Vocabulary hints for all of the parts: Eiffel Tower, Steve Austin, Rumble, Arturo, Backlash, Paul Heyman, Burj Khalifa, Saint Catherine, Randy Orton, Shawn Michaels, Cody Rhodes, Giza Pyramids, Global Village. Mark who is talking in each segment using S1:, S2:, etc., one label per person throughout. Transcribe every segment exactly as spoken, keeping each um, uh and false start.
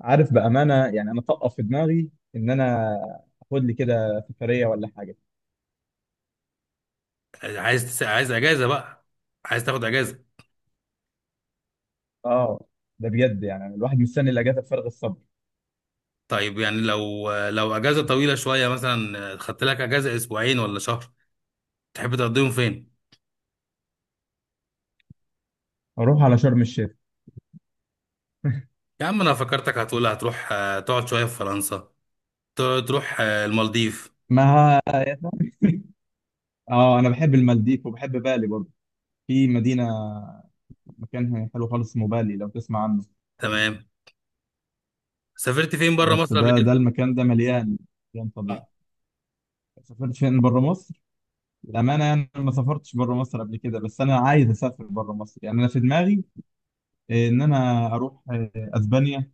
S1: عارف، بأمانة يعني أنا طقف في دماغي إن أنا أخد لي كده سفرية ولا حاجة.
S2: عايز تس... عايز اجازه بقى. عايز تاخد اجازه؟
S1: آه، ده بجد يعني الواحد مستني الأجازة بفارغ الصبر.
S2: طيب يعني لو لو اجازه طويله شويه، مثلا خدت لك اجازه اسبوعين ولا شهر. تحب تقضيهم فين؟
S1: أروح على شرم الشيخ.
S2: يا عم انا فكرتك هتقول هتروح، آه، تقعد شويه في فرنسا. ت- تروح آه، المالديف.
S1: ما آه، أنا بحب المالديف وبحب بالي برضه. في مدينة مكانها حلو خالص اسمه بالي لو تسمع عنه.
S2: تمام. سافرت فين بره
S1: بس
S2: مصر قبل
S1: ده
S2: كده؟
S1: ده المكان ده مليان، مليان طبيعة.
S2: آه.
S1: سافرت فين بره مصر؟ للأمانة يعني أنا ما سافرتش بره مصر قبل كده، بس أنا عايز أسافر بره مصر. يعني أنا في دماغي إن أنا أروح آه، أسبانيا.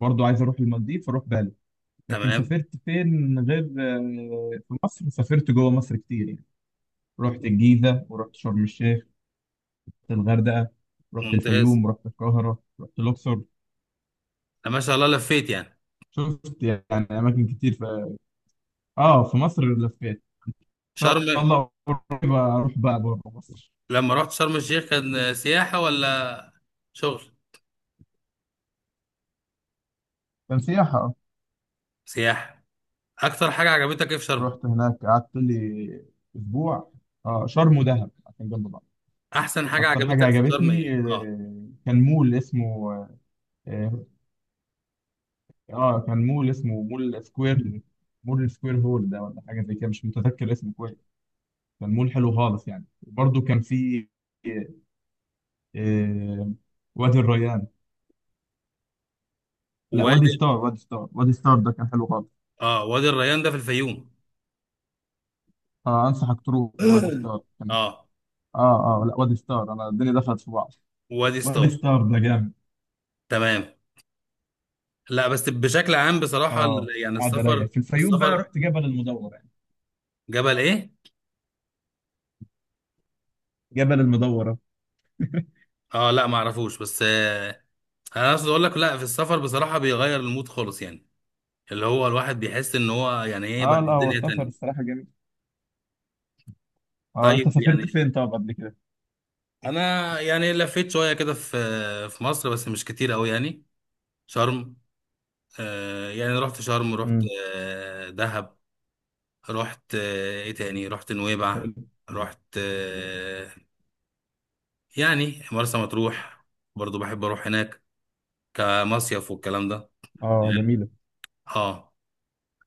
S1: برضو عايز اروح المالديف، اروح بالي. لكن
S2: تمام.
S1: سافرت فين غير آه، في مصر؟ سافرت جوه مصر كتير يعني، رحت الجيزة ورحت شرم الشيخ، رحت الغردقة، رحت
S2: ممتاز.
S1: الفيوم ورحت القاهرة، رحت الأقصر.
S2: أنا ما شاء الله لفيت يعني.
S1: شفت يعني أماكن كتير في آه في مصر، لفيت. إن شاء
S2: شرم.
S1: الله قريب أروح بقى بره مصر.
S2: لما رحت شرم الشيخ كان آه، سياحه ولا شغل؟
S1: كان سياحة آه.
S2: سياحه. اكتر حاجه عجبتك ايه في شرم؟
S1: رحت هناك قعدت لي أسبوع. آه شرم ودهب عشان جنب بعض.
S2: احسن حاجه
S1: أكتر حاجة
S2: عجبتك في شرم
S1: عجبتني
S2: ايه، اه؟
S1: آه، كان مول اسمه آه، اه كان مول اسمه مول سكوير. مول سكوير هول ده ولا حاجه زي كده، مش متذكر اسمه كويس. كان مول حلو خالص يعني، وبرده كان في آه، وادي الريان. لا، وادي
S2: وادي.
S1: ستار، وادي ستار، وادي ستار ده كان حلو خالص.
S2: اه، وادي الريان ده في الفيوم.
S1: آه، انصحك تروح وادي ستار، كان...
S2: اه،
S1: اه اه لا وادي ستار، انا الدنيا دخلت في بعض.
S2: وادي ستار.
S1: وادي ستار ده جامد.
S2: تمام. لا بس بشكل عام بصراحة، ال-
S1: اه.
S2: يعني
S1: قاعده رايقه
S2: السفر.
S1: في الفيوم، بقى
S2: السفر.
S1: رحت جبل المدورة يعني.
S2: جبل ايه؟
S1: جبل المدورة.
S2: اه لا، ما اعرفوش بس آه انا عايز اقول لك، لا في السفر بصراحة بيغير المود خالص يعني. اللي هو الواحد بيحس ان هو يعني ايه بقى
S1: اه، لا هو
S2: الدنيا
S1: السفر
S2: تانية.
S1: الصراحه جميل. اه، انت
S2: طيب
S1: سافرت
S2: يعني
S1: فين طب قبل كده؟
S2: انا يعني لفيت شوية كده في في مصر، بس مش كتير قوي يعني. شرم. آه يعني رحت شرم، رحت
S1: امم.
S2: آه دهب. رحت آه، ايه تاني، رحت نويبع.
S1: حلو.
S2: رحت آه، يعني مرسى مطروح. برضو بحب اروح هناك كمصيف والكلام ده.
S1: اه، جميله.
S2: اه.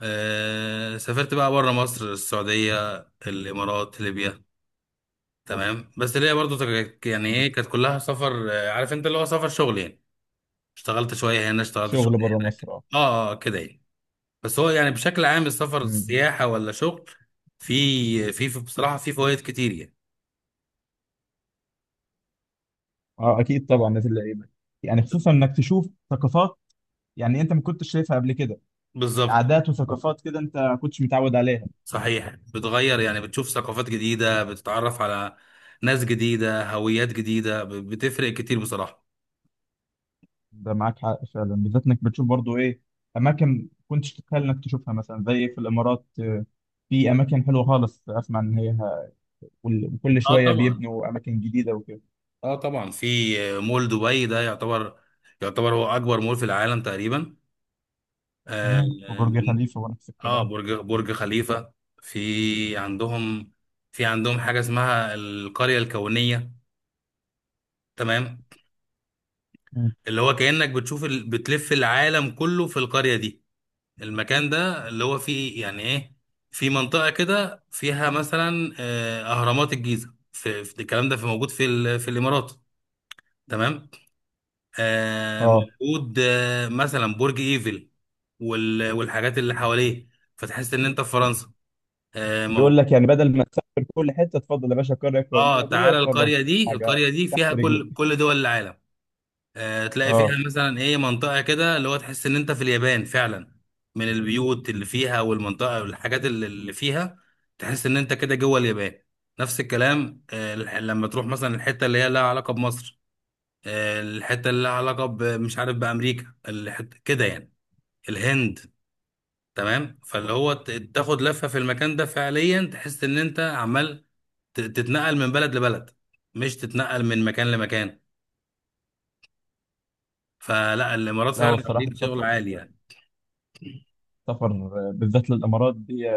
S2: آه، سافرت بقى بره مصر السعودية، الامارات، ليبيا. تمام بس ليا برضو تك- يعني ايه، كانت كلها سفر، آه، عارف انت، اللي هو سفر شغل يعني. اشتغلت شوية هنا، اشتغلت شوية
S1: شغل بره
S2: هناك.
S1: مصر اه.
S2: اه آه، آه، كده يعني. بس هو يعني بشكل عام السفر
S1: مم.
S2: سياحة ولا شغل، في في في- بصراحة في فوائد كتير يعني.
S1: اه، اكيد طبعا نادي اللعيبه، يعني خصوصا انك تشوف ثقافات يعني انت ما كنتش شايفها قبل كده،
S2: بالظبط.
S1: عادات وثقافات كده انت ما كنتش متعود عليها.
S2: صحيح، بتغير يعني، بتشوف ثقافات جديدة، بتتعرف على ناس جديدة، هويات جديدة، ب- بتفرق كتير بصراحة.
S1: ده معاك حق فعلا، بالذات انك بتشوف برضو ايه، اماكن كنتش تتخيل انك تشوفها، مثلا زي في الامارات آه، في اماكن حلوه خالص، اسمع ان هي وال- وكل
S2: اه
S1: شويه
S2: طبعا.
S1: بيبنوا اماكن جديده وكده.
S2: اه طبعا في مول دبي ده يعتبر، يعتبر هو أكبر مول في العالم تقريبا. آه.
S1: مم. وبرج
S2: من-
S1: خليفه ونفس
S2: آه،
S1: الكلام.
S2: برج برج خليفة. في عندهم في عندهم حاجة اسمها القرية الكونية. تمام.
S1: مم.
S2: اللي هو كأنك بتشوف ال... بتلف العالم كله في القرية دي. المكان ده اللي هو فيه يعني ايه، في منطقة كده فيها مثلا آه، أهرامات الجيزة، في في- الكلام ده في موجود في ال- في الإمارات. تمام. آه،
S1: اه،
S2: موجود آه، مثلا برج إيفل وال- والحاجات اللي حواليه، فتحس إن أنت في فرنسا. آه،
S1: بيقول
S2: موجود.
S1: لك يعني بدل ما تسافر كل حته تفضل يا باشا، القريه
S2: اه،
S1: الفلانيه دي
S2: تعالى
S1: اتفرج،
S2: القرية دي،
S1: حاجه
S2: القرية دي
S1: تحت
S2: فيها
S1: رجلك.
S2: كل كل دول العالم. آه، تلاقي فيها
S1: اه،
S2: مثلا ايه، منطقة كده اللي هو تحس ان انت في اليابان فعلا، من البيوت اللي فيها والمنطقة والحاجات اللي اللي فيها، تحس ان انت كده جوه اليابان. نفس الكلام، آه، الح- لما تروح مثلا الحتة اللي هي لها علاقة بمصر، آه، الحتة اللي لها علاقة ب- مش عارف بأمريكا، الحتة كده يعني، الهند. تمام. فاللي هو ت- تاخد لفة في المكان ده فعليا تحس ان انت عمال ت- تتنقل من بلد لبلد، مش تتنقل من مكان لمكان. فلا الامارات
S1: لا هو
S2: فعلا
S1: الصراحة
S2: عاملين شغل
S1: سفر.
S2: عالي يعني.
S1: سفر بالذات للإمارات دي،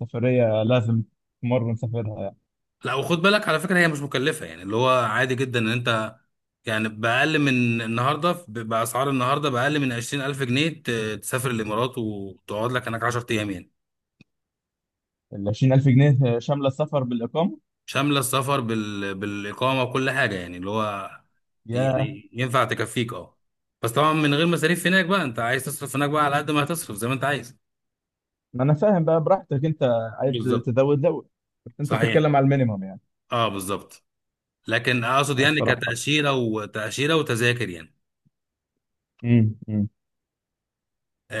S1: سفرية لازم مرة نسافرها يعني.
S2: لا وخد بالك على فكرة هي مش مكلفة، يعني اللي هو عادي جدا ان انت يعني بأقل من النهاردة، ب- بأسعار النهاردة بأقل من عشرين ألف جنيه ت- تسافر الإمارات وتقعد لك هناك عشرة أيام يعني.
S1: ال عشرين ألف جنيه شاملة السفر بالإقامة؟
S2: شاملة السفر بال... بالإقامة وكل حاجة يعني، اللي هو
S1: يا،
S2: يعني ينفع تكفيك، اه. بس طبعا من غير مصاريف هناك بقى، انت عايز تصرف هناك بقى على قد ما هتصرف زي ما انت عايز.
S1: ما أنا فاهم بقى، براحتك أنت، عايز
S2: بالظبط.
S1: تزود زود. بس أنت
S2: صحيح.
S1: بتتكلم على المينيمم يعني.
S2: اه، بالظبط. لكن اقصد يعني
S1: الصراحة.
S2: كتأشيرة وتأشيرة وتذاكر يعني.
S1: امم امم.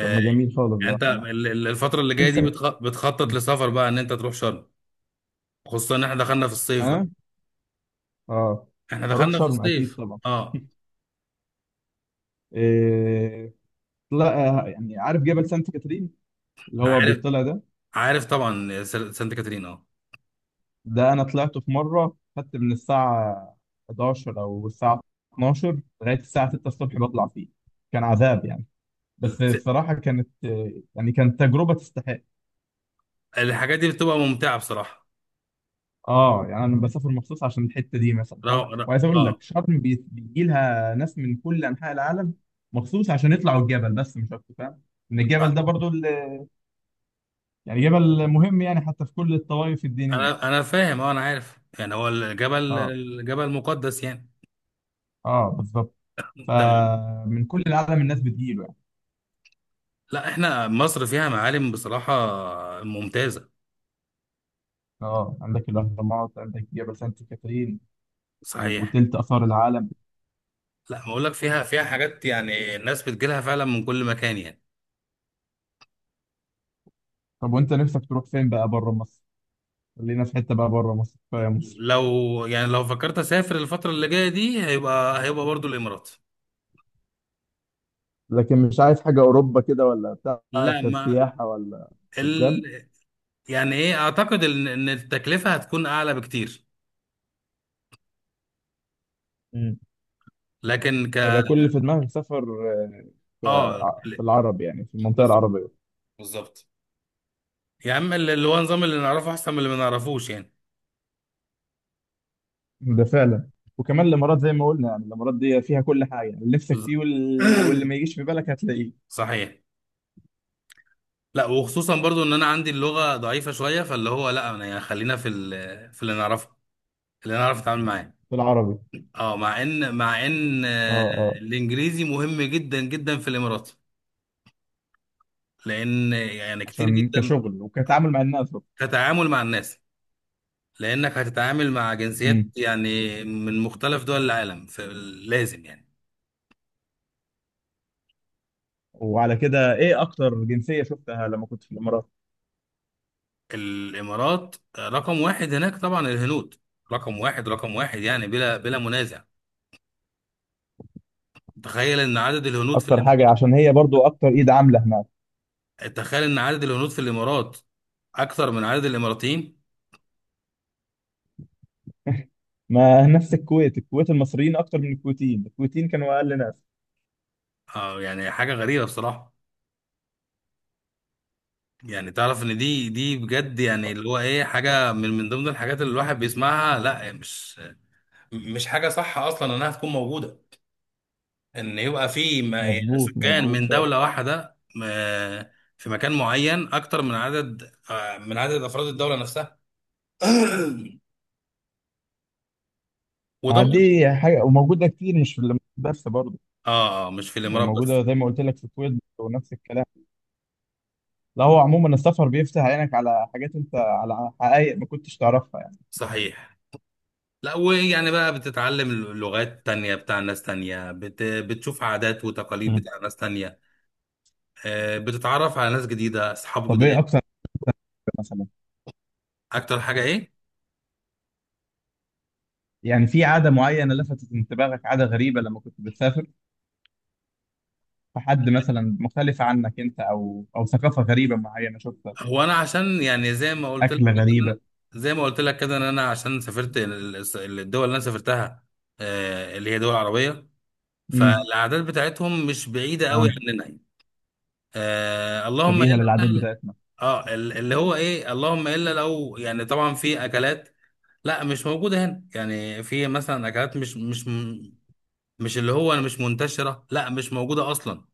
S1: طب ما جميل خالص
S2: يعني
S1: بقى.
S2: انت
S1: أنا
S2: ال- ال- الفترة اللي جاية دي
S1: نفسك.
S2: بتخ- بتخطط لسفر بقى ان انت تروح شرم، خصوصا ان احنا دخلنا في الصيف بقى.
S1: أنا. أه.
S2: احنا
S1: هروح
S2: دخلنا في
S1: شرم أكيد
S2: الصيف،
S1: طبعا.
S2: اه.
S1: إيه... لا يعني، عارف جبل سانت كاترين اللي هو
S2: عارف،
S1: بيطلع ده؟
S2: عارف طبعا، س- سانت كاترين، اه.
S1: ده انا طلعت في مره، خدت من الساعه الحادية عشرة او الساعه اتناشر لغايه الساعه السادسة الصبح بطلع فيه. كان عذاب يعني، بس
S2: الت-
S1: الصراحه كانت، يعني كانت تجربه تستحق.
S2: الحاجات دي بتبقى ممتعة بصراحة.
S1: اه، يعني انا بسافر مخصوص عشان الحته دي مثلا، فاهم؟
S2: رو- رو-
S1: وعايز اقول
S2: اه
S1: لك شرم بي- بيجي لها ناس من كل انحاء العالم مخصوص عشان يطلعوا الجبل بس، مش اكتر. فاهم ان الجبل
S2: آه.
S1: ده برضو ال- يعني جبل مهم يعني، حتى في كل الطوائف الدينيه.
S2: انا انا فاهم، اه انا عارف يعني هو الجبل،
S1: اه
S2: الجبل مقدس يعني.
S1: اه بالظبط.
S2: تمام.
S1: فمن كل العالم الناس بتجيله.
S2: لا احنا مصر فيها معالم بصراحة ممتازة.
S1: اه، عندك الاهرامات، عندك جبل سانت كاترين
S2: صحيح.
S1: وتلت اثار العالم.
S2: لا بقول لك فيها فيها حاجات يعني الناس بتجيلها فعلا من كل مكان يعني.
S1: طب وانت نفسك تروح فين بقى بره مصر؟ خلينا في حته بقى بره مصر، كفايه مصر.
S2: لو يعني لو فكرت اسافر الفتره اللي جايه دي هيبقى، هيبقى برضو الامارات.
S1: لكن مش عايز حاجة أوروبا كده ولا بتاع،
S2: لا ما
S1: كسياحة ولا
S2: ال...
S1: قدام؟
S2: يعني ايه، اعتقد ان إن التكلفه هتكون اعلى بكتير.
S1: مم.
S2: لكن ك
S1: هيبقى كل اللي في دماغك سفر
S2: اه
S1: آه، في
S2: ل-
S1: العرب؟ يعني في المنطقه
S2: بز-
S1: العربيه.
S2: بالظبط. يا عم اللي اللي هو نظام اللي نعرفه احسن من اللي ما نعرفوش يعني.
S1: ده فعلا. وكمان الامارات زي ما قلنا، يعني الامارات دي فيها كل حاجه يعني. اللي نفسك فيه
S2: بالظبط.
S1: وال... واللي ما يجيش في بالك هتلاقيه
S2: صحيح. لا وخصوصا برضو ان انا عندي اللغه ضعيفه شويه، فاللي هو لا انا يعني خلينا في ال... في اللي نعرفه، اللي نعرف نتعامل معاه.
S1: في العربي.
S2: اه مع ان، مع ان
S1: اه
S2: آه،
S1: اه
S2: الانجليزي مهم جدا جدا في الامارات، لان يعني كتير
S1: عشان
S2: جدا،
S1: كشغل وكتعامل مع الناس.
S2: كتعامل مع الناس. لانك هتتعامل مع جنسيات يعني من مختلف دول العالم فلازم يعني.
S1: وعلى كده ايه اكتر جنسية شفتها لما كنت في الامارات؟
S2: الامارات رقم واحد هناك طبعا الهنود، رقم واحد رقم واحد يعني بلا بلا منازع. تخيل ان عدد الهنود في
S1: اكتر حاجة،
S2: الامارات
S1: عشان هي برضو اكتر ايد عاملة هناك.
S2: تخيل ان عدد الهنود في الامارات اكثر من عدد الاماراتيين.
S1: ما نفس الكويت، الكويت المصريين اكتر من الكويتيين، الكويتيين كانوا اقل ناس.
S2: اه يعني حاجه غريبه بصراحه. يعني تعرف ان دي دي بجد، يعني اللي هو ايه حاجه من من ضمن الحاجات اللي الواحد بيسمعها، لا مش مش حاجة صح أصلا إنها تكون موجودة، إن يبقى في م-
S1: مظبوط،
S2: سكان
S1: مظبوط
S2: من
S1: فعلا.
S2: دولة واحدة م- في مكان معين أكتر من عدد آه، من عدد أفراد الدولة نفسها. وده
S1: ما
S2: برضه،
S1: دي حاجة وموجودة كتير، مش في الامارات بس برضو،
S2: آه آه، مش في
S1: يعني
S2: الإمارات بس.
S1: موجودة زي ما قلت لك في الكويت ونفس الكلام. لا هو عموما السفر بيفتح عينك على حاجات انت، على حقائق ما كنتش تعرفها يعني.
S2: صحيح. لا ويعني بقى بتتعلم لغات تانية بتاع ناس تانية، بت... بتشوف عادات وتقاليد
S1: مم.
S2: بتاع ناس تانية. آه، بتتعرف على ناس جديدة، أصحاب
S1: طب ايه
S2: جداد.
S1: اكتر مثلا؟
S2: أكتر حاجة إيه؟
S1: يعني في عادة معينة لفتت انتباهك، عادة غريبة لما كنت بتسافر؟ في حد مثلا مختلفة عنك أنت، أو أو ثقافة غريبة معينة شفتها،
S2: هو انا عشان يعني زي ما قلت لك
S1: أكلة
S2: كده إن أنا-
S1: غريبة؟
S2: زي ما قلت لك كده ان انا عشان سافرت ال- ال- الدول اللي انا سافرتها، آه، اللي هي دول عربيه،
S1: امم.
S2: فالاعداد بتاعتهم مش بعيده قوي
S1: تمام،
S2: عننا. آه، اللهم الا
S1: شبيهة للعادات
S2: بقى.
S1: بتاعتنا.
S2: اه، ال- اللي هو ايه، اللهم الا لو يعني طبعا في اكلات لا مش موجوده هنا يعني، في مثلا اكلات مش مش مش اللي هو مش منتشره، لا مش موجوده اصلا.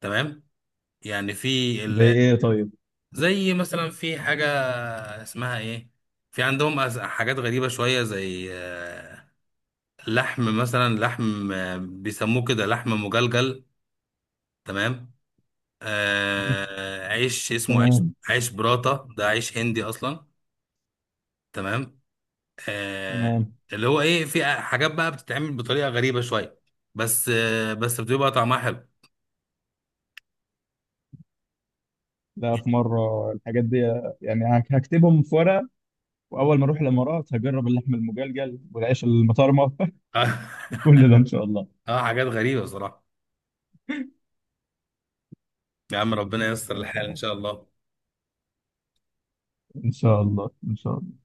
S2: تمام. يعني في
S1: زي إيه طيب؟
S2: زي مثلا في حاجة اسمها ايه، في عندهم أز- حاجات غريبة شوية زي آه، لحم مثلا، لحم آه، بيسموه كده لحم مجلجل. تمام. آه، عيش اسمه عيش،
S1: تمام.
S2: عيش براتا ده عيش هندي اصلا. تمام. آه،
S1: تمام.
S2: اللي هو ايه، في حاجات بقى بتتعمل بطريقة غريبة شوية، بس آه، بس بتبقى طعمها حلو.
S1: لا في مرة، الحاجات دي يعني هك- هكتبهم في ورقة، وأول ما أروح الإمارات هجرب اللحم المجلجل والعيش المطرمة وكل ده إن شاء الله.
S2: اه حاجات غريبة صراحة. يا عم ربنا ييسر الحال ان شاء الله.
S1: إن شاء الله. إن شاء الله.